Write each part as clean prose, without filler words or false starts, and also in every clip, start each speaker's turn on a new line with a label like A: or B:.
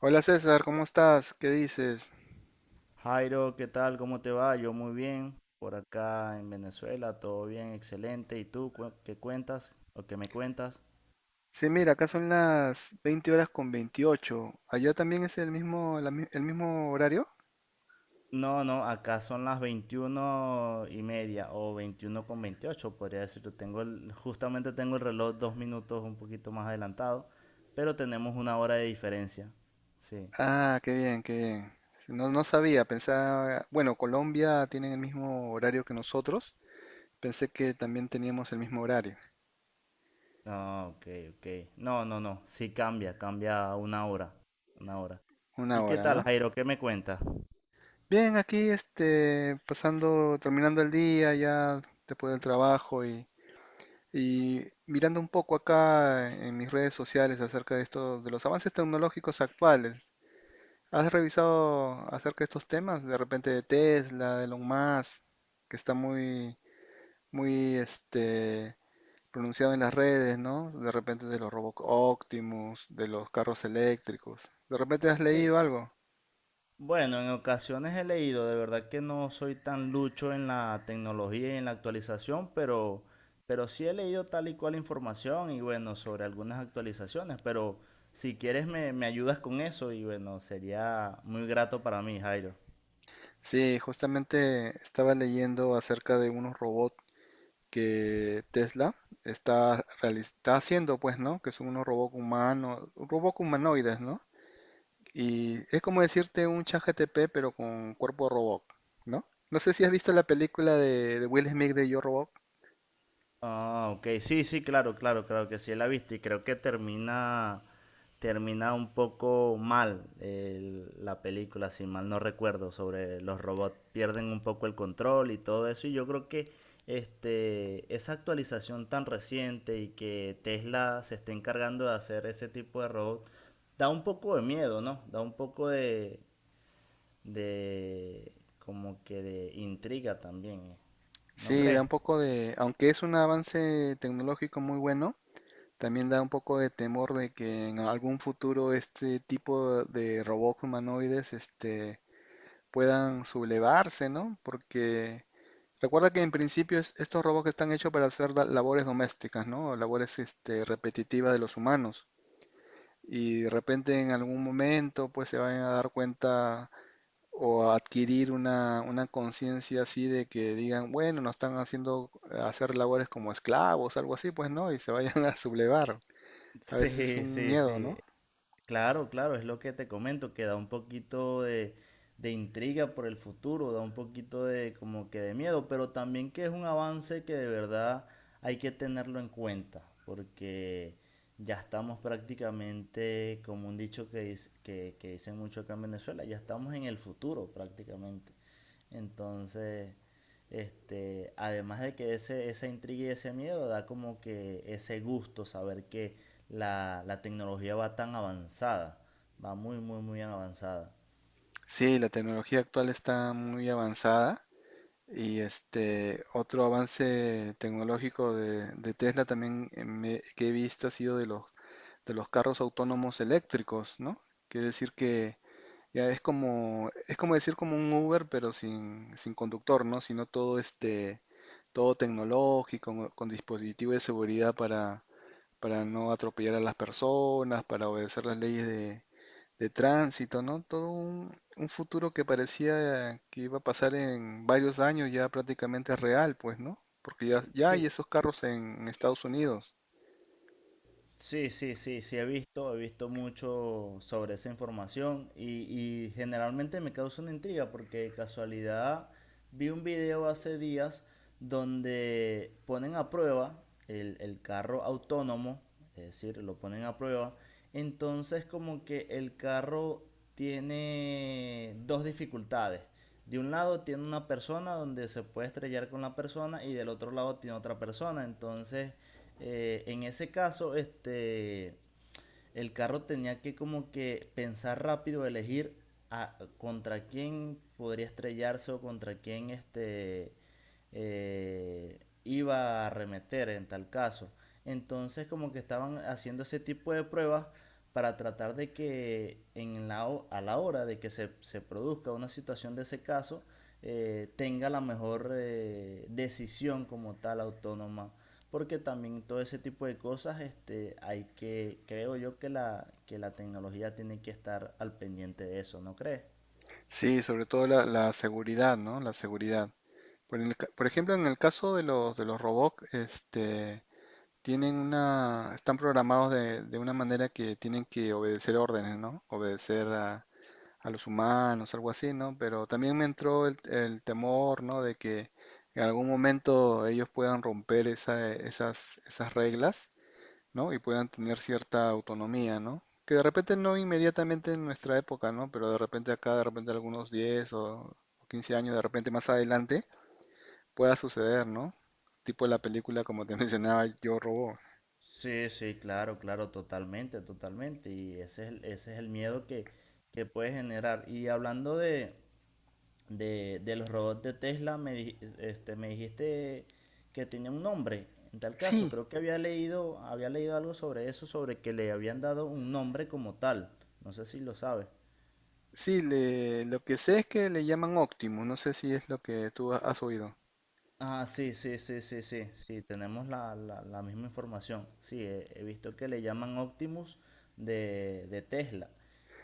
A: Hola César, ¿cómo estás? ¿Qué dices?
B: Jairo, ¿qué tal? ¿Cómo te va? Yo muy bien. Por acá en Venezuela, todo bien, excelente. ¿Y tú qué cuentas o qué me cuentas?
A: Sí, mira, acá son las 20 horas con 28. ¿Allá también es el mismo, el mismo horario?
B: No, no, acá son las 21:30 o 21:28, podría decirlo. Justamente tengo el reloj 2 minutos un poquito más adelantado, pero tenemos una hora de diferencia. Sí.
A: Ah, qué bien, qué bien. No, no sabía, pensaba, bueno, Colombia tienen el mismo horario que nosotros. Pensé que también teníamos el mismo horario,
B: No, ok, ok. No, no, no. Sí cambia, cambia una hora. Una hora.
A: una
B: ¿Y qué
A: hora,
B: tal,
A: ¿no?
B: Jairo? ¿Qué me cuentas?
A: Bien, aquí pasando, terminando el día ya después del trabajo y mirando un poco acá en mis redes sociales acerca de esto, de los avances tecnológicos actuales. ¿Has revisado acerca de estos temas? De repente de Tesla, de Elon Musk, que está muy, muy pronunciado en las redes, ¿no? De repente de los Robot Optimus, de los carros eléctricos. ¿De repente has
B: Sí,
A: leído algo?
B: bueno, en ocasiones he leído, de verdad que no soy tan lucho en la tecnología y en la actualización, pero sí he leído tal y cual información y bueno, sobre algunas actualizaciones, pero si quieres me ayudas con eso y bueno, sería muy grato para mí, Jairo.
A: Sí, justamente estaba leyendo acerca de unos robots que Tesla está haciendo, pues, ¿no? Que son unos robots humanos, robots humanoides, ¿no? Y es como decirte un ChatGPT, pero con cuerpo robot, ¿no? No sé si has visto la película de Will Smith de Yo Robot.
B: Ah, ok, sí, sí, claro, claro, claro que sí la he visto y creo que termina un poco mal la película, si mal no recuerdo, sobre los robots pierden un poco el control y todo eso y yo creo que esa actualización tan reciente y que Tesla se esté encargando de hacer ese tipo de robots da un poco de miedo, ¿no? Da un poco de como que de intriga también, ¿no
A: Sí, da
B: crees?
A: un poco de, aunque es un avance tecnológico muy bueno, también da un poco de temor de que en algún futuro este tipo de robots humanoides, puedan sublevarse, ¿no? Porque recuerda que en principio estos robots están hechos para hacer labores domésticas, ¿no? Labores, repetitivas de los humanos. Y de repente en algún momento pues se van a dar cuenta o a adquirir una conciencia así de que digan, bueno, nos están haciendo hacer labores como esclavos, algo así, pues no, y se vayan a sublevar. A veces es
B: Sí,
A: un
B: sí,
A: miedo,
B: sí.
A: ¿no?
B: Claro, claro, es lo que te comento, que da un poquito de intriga por el futuro, da un poquito de como que de miedo, pero también que es un avance que de verdad hay que tenerlo en cuenta, porque ya estamos prácticamente, como un dicho que dicen mucho acá en Venezuela, ya estamos en el futuro prácticamente. Entonces, además de que esa intriga y ese miedo da como que ese gusto saber que la tecnología va tan avanzada, va muy, muy, muy avanzada.
A: Sí, la tecnología actual está muy avanzada y este otro avance tecnológico de Tesla también que he visto ha sido de los carros autónomos eléctricos, ¿no? Quiere decir que ya es como, decir como un Uber, pero sin conductor, ¿no? Sino todo todo tecnológico, con dispositivos de seguridad para no atropellar a las personas, para obedecer las leyes de tránsito, ¿no? Todo un futuro que parecía que iba a pasar en varios años ya prácticamente es real, pues, ¿no? Porque ya hay
B: Sí,
A: esos carros en Estados Unidos.
B: sí, sí, sí, sí he visto mucho sobre esa información y generalmente me causa una intriga porque de casualidad vi un video hace días donde ponen a prueba el carro autónomo, es decir, lo ponen a prueba, entonces como que el carro tiene dos dificultades. De un lado tiene una persona donde se puede estrellar con la persona y del otro lado tiene otra persona, entonces en ese caso, el carro tenía que como que pensar rápido, elegir contra quién podría estrellarse o contra quién iba a arremeter en tal caso. Entonces como que estaban haciendo ese tipo de pruebas para tratar de que a la hora de que se produzca una situación de ese caso, tenga la mejor decisión como tal autónoma porque también todo ese tipo de cosas, hay que, creo yo que que la tecnología tiene que estar al pendiente de eso, ¿no crees?
A: Sí, sobre todo la seguridad, ¿no? La seguridad. Por ejemplo, en el caso de los robots, tienen están programados de una manera que tienen que obedecer órdenes, ¿no? Obedecer a los humanos, algo así, ¿no? Pero también me entró el temor, ¿no? De que en algún momento ellos puedan romper esas reglas, ¿no? Y puedan tener cierta autonomía, ¿no? Que de repente no inmediatamente en nuestra época, ¿no? Pero de repente acá, de repente algunos 10 o 15 años, de repente más adelante pueda suceder, ¿no? Tipo la película, como te mencionaba, Yo Robot.
B: Sí, sí, claro, claro, totalmente, totalmente. Ese es el miedo que puede generar. Y hablando de los robots de Tesla, me dijiste que tenía un nombre. En tal caso,
A: Sí,
B: creo que había leído algo sobre eso, sobre que le habían dado un nombre como tal. No sé si lo sabes.
A: sí, lo que sé es que le llaman Optimus, no sé si es lo que tú has oído.
B: Ah, sí, sí, sí, sí, sí, sí, tenemos la misma información. Sí, he visto que le llaman Optimus de Tesla.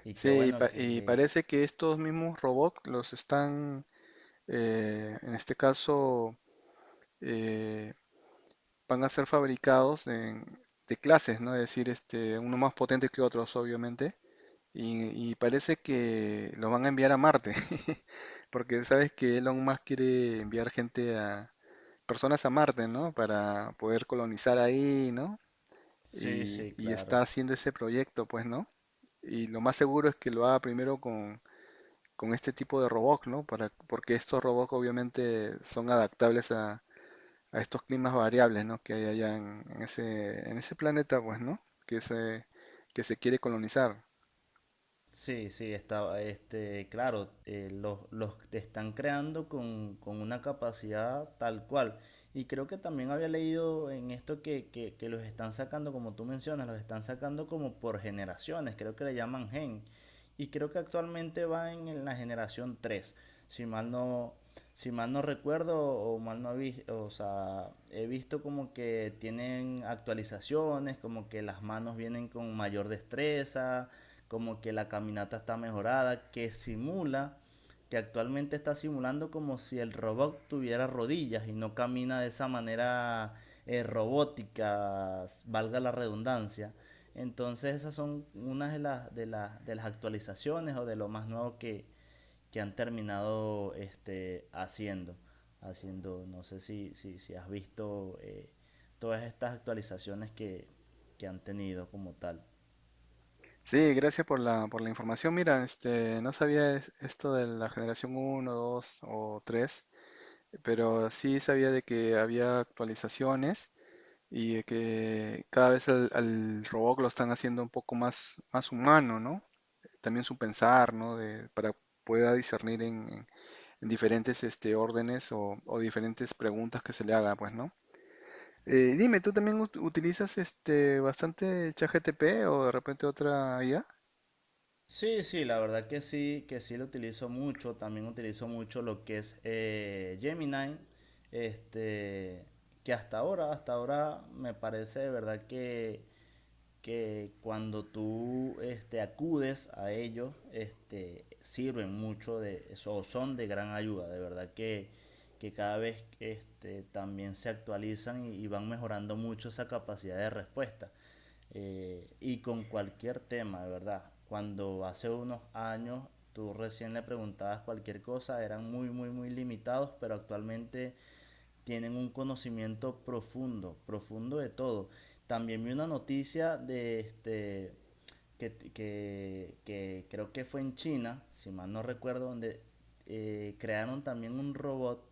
B: Y que
A: Sí, y,
B: bueno,
A: y
B: que...
A: parece que estos mismos robots los están, en este caso, eh, van a ser fabricados de clases, ¿no? Es decir, uno más potente que otros, obviamente. Y parece que los van a enviar a Marte, porque sabes que Elon Musk quiere enviar gente personas a Marte, ¿no? Para poder colonizar ahí, ¿no?
B: Sí,
A: Y,
B: sí,
A: y está
B: claro.
A: haciendo ese proyecto, pues, ¿no? Y lo más seguro es que lo haga primero con este tipo de robots, ¿no? Porque estos robots obviamente son adaptables a estos climas variables, ¿no? Que hay allá en ese planeta, pues, ¿no? Que se, que se quiere colonizar.
B: Sí, sí, está, claro, los te están creando con una capacidad tal cual. Y creo que también había leído en esto que los están sacando, como tú mencionas, los están sacando como por generaciones, creo que le llaman gen. Y creo que actualmente va en la generación 3, si mal no, si mal no recuerdo o mal no he visto, o sea, he visto como que tienen actualizaciones, como que las manos vienen con mayor destreza como que la caminata está mejorada, que simula, que actualmente está simulando como si el robot tuviera rodillas y no camina de esa manera robótica, valga la redundancia. Entonces esas son unas de las actualizaciones o de lo más nuevo que han terminado haciendo. No sé si, si has visto todas estas actualizaciones que han tenido como tal.
A: Sí, gracias por la información. Mira, no sabía esto de la generación uno, 2 o 3. Pero sí sabía de que había actualizaciones y de que cada vez al robot lo están haciendo un poco más, más humano, ¿no? También su pensar, ¿no? Para pueda discernir en diferentes órdenes o diferentes preguntas que se le haga, pues, ¿no? Dime, ¿tú también utilizas bastante ChatGPT o de repente otra IA?
B: Sí, sí, la verdad que sí lo utilizo mucho. También utilizo mucho lo que es Gemini, este, que hasta ahora me parece de verdad que cuando tú acudes a ellos, sirven mucho de eso, o son de gran ayuda. De verdad que cada vez también se actualizan y van mejorando mucho esa capacidad de respuesta y con cualquier tema, de verdad. Cuando hace unos años tú recién le preguntabas cualquier cosa, eran muy, muy, muy limitados, pero actualmente tienen un conocimiento profundo, profundo de todo. También vi una noticia de este que creo que fue en China, si mal no recuerdo, donde crearon también un robot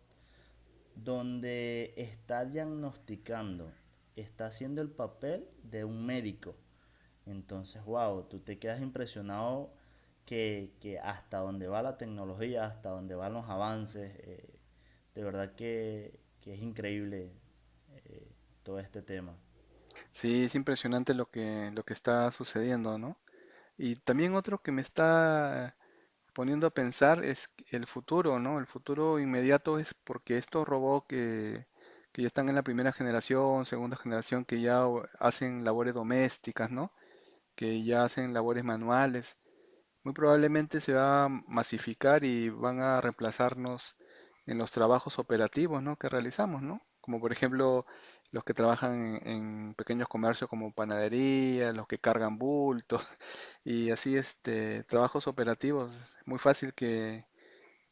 B: donde está diagnosticando, está haciendo el papel de un médico. Entonces, wow, tú te quedas impresionado que hasta dónde va la tecnología, hasta dónde van los avances, de verdad que es increíble eh, todo este tema.
A: Sí, es impresionante lo que está sucediendo, ¿no? Y también otro que me está poniendo a pensar es el futuro, ¿no? El futuro inmediato es porque estos robots que ya están en la primera generación, segunda generación, que ya hacen labores domésticas, ¿no? Que ya hacen labores manuales, muy probablemente se va a masificar y van a reemplazarnos en los trabajos operativos, ¿no? Que realizamos, ¿no? Como por ejemplo los que trabajan en, en pequeños comercios como panadería, los que cargan bultos y así trabajos operativos. Es muy fácil que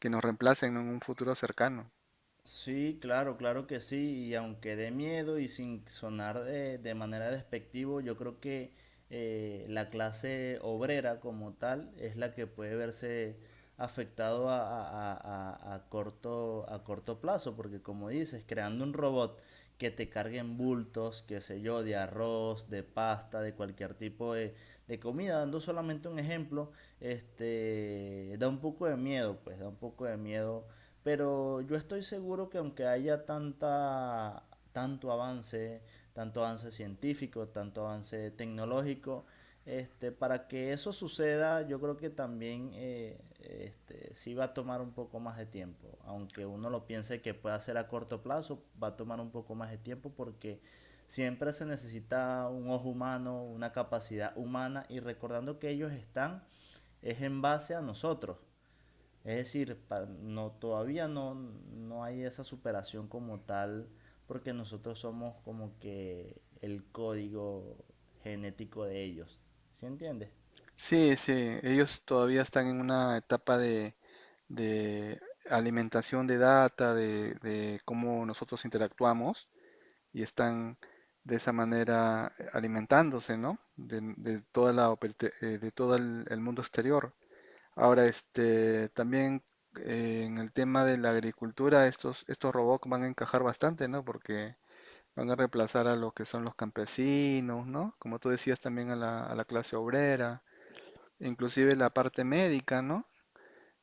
A: que nos reemplacen en un futuro cercano.
B: Sí, claro, claro que sí, y aunque dé miedo y sin sonar de manera despectivo, yo creo que la clase obrera como tal es la que puede verse afectado a corto plazo, porque como dices, creando un robot que te cargue en bultos, qué sé yo, de arroz, de pasta, de cualquier tipo de comida, dando solamente un ejemplo, da un poco de miedo, pues da un poco de miedo pero yo estoy seguro que aunque haya tanta, tanto avance, tanto avance científico, tanto avance tecnológico, para que eso suceda, yo creo que también sí va a tomar un poco más de tiempo. Aunque uno lo piense que puede hacer a corto plazo, va a tomar un poco más de tiempo porque siempre se necesita un ojo humano, una capacidad humana y recordando que ellos están es en base a nosotros. Es decir, no, todavía no, no hay esa superación como tal, porque nosotros somos como que el código genético de ellos. ¿Sí entiendes?
A: Sí, sí, ellos todavía están en una etapa de alimentación de data, de cómo nosotros interactuamos y están de esa manera alimentándose, ¿no? De toda la, operte- de todo el mundo exterior. Ahora, también en el tema de la agricultura, estos robots van a encajar bastante, ¿no? Porque van a reemplazar a los que son los campesinos, ¿no? Como tú decías también a la, clase obrera, inclusive la parte médica, ¿no?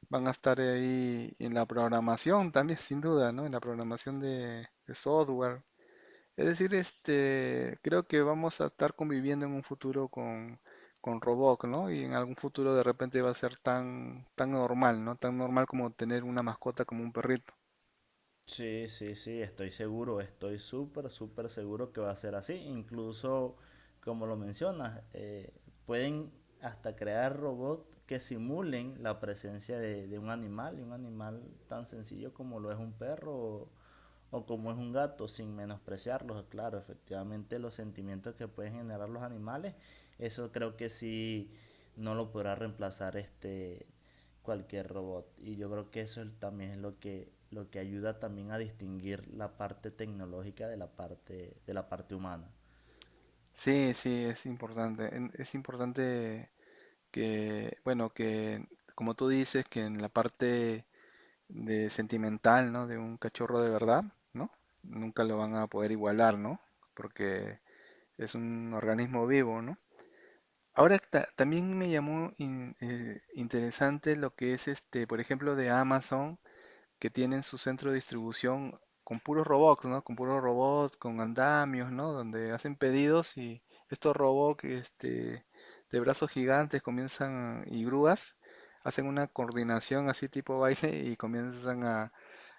A: Van a estar ahí en la programación también, sin duda, ¿no? En la programación de software. Es decir, creo que vamos a estar conviviendo en un futuro con robots, ¿no? Y en algún futuro de repente va a ser tan, tan normal, ¿no? Tan normal como tener una mascota como un perrito.
B: Sí, sí, sí, estoy seguro, estoy súper, súper seguro que va a ser así. Incluso, como lo mencionas, pueden hasta crear robots que simulen la presencia de un animal, y un animal tan sencillo como lo es un perro o como es un gato, sin menospreciarlos, claro, efectivamente los sentimientos que pueden generar los animales, eso creo que sí no lo podrá reemplazar cualquier robot. Y yo creo que eso también es lo lo que ayuda también a distinguir la parte tecnológica de la parte humana.
A: Sí, sí, es importante. Es importante que, bueno, que como tú dices, que en la parte de sentimental, ¿no? De un cachorro de verdad, ¿no? Nunca lo van a poder igualar, ¿no? Porque es un organismo vivo, ¿no? Ahora también me llamó interesante lo que es por ejemplo, de Amazon que tienen su centro de distribución con puros robots, ¿no? Con puros robots, con andamios, ¿no? Donde hacen pedidos y estos robots, de brazos gigantes comienzan y grúas, hacen una coordinación así tipo baile y comienzan a,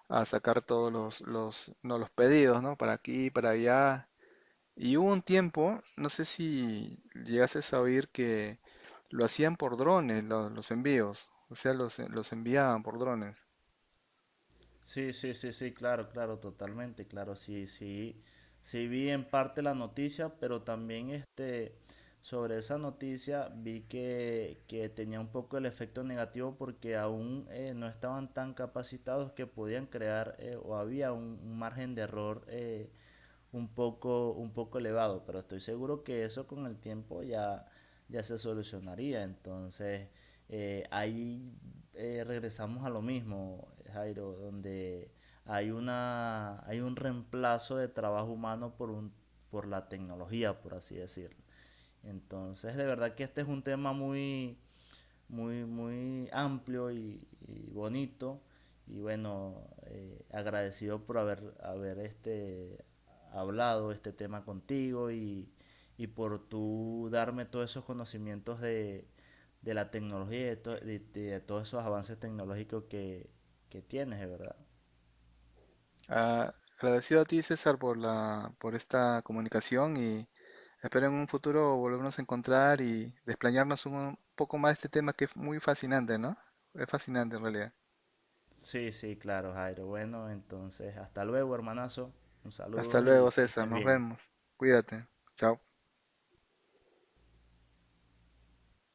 A: a sacar todos los pedidos, ¿no? Para aquí, para allá. Y hubo un tiempo, no sé si llegases a oír que lo hacían por drones, los envíos. O sea, los enviaban por drones.
B: Sí, sí, sí, sí, claro, claro, totalmente, claro, sí, sí, sí vi en parte la noticia, pero también sobre esa noticia vi que tenía un poco el efecto negativo porque aún no estaban tan capacitados que podían crear o había un margen de error un poco elevado, pero estoy seguro que eso con el tiempo ya, ya se solucionaría. Entonces, ahí regresamos a lo mismo, Jairo, donde hay una, hay un reemplazo de trabajo humano por un, por la tecnología, por así decirlo. Entonces, de verdad que este es un tema muy, muy, muy amplio y bonito. Y bueno, agradecido por haber, haber hablado este tema contigo y por tú darme todos esos conocimientos de la tecnología y de todos esos avances tecnológicos que tienes, de verdad.
A: Ah, agradecido a ti, César, por esta comunicación y espero en un futuro volvernos a encontrar y desplayarnos un poco más de este tema que es muy fascinante, ¿no? Es fascinante en realidad.
B: Sí, sí, claro, Jairo. Bueno, entonces, hasta luego, hermanazo. Un
A: Hasta
B: saludo
A: luego,
B: y que
A: César,
B: estés
A: nos
B: bien.
A: vemos. Cuídate. Chao.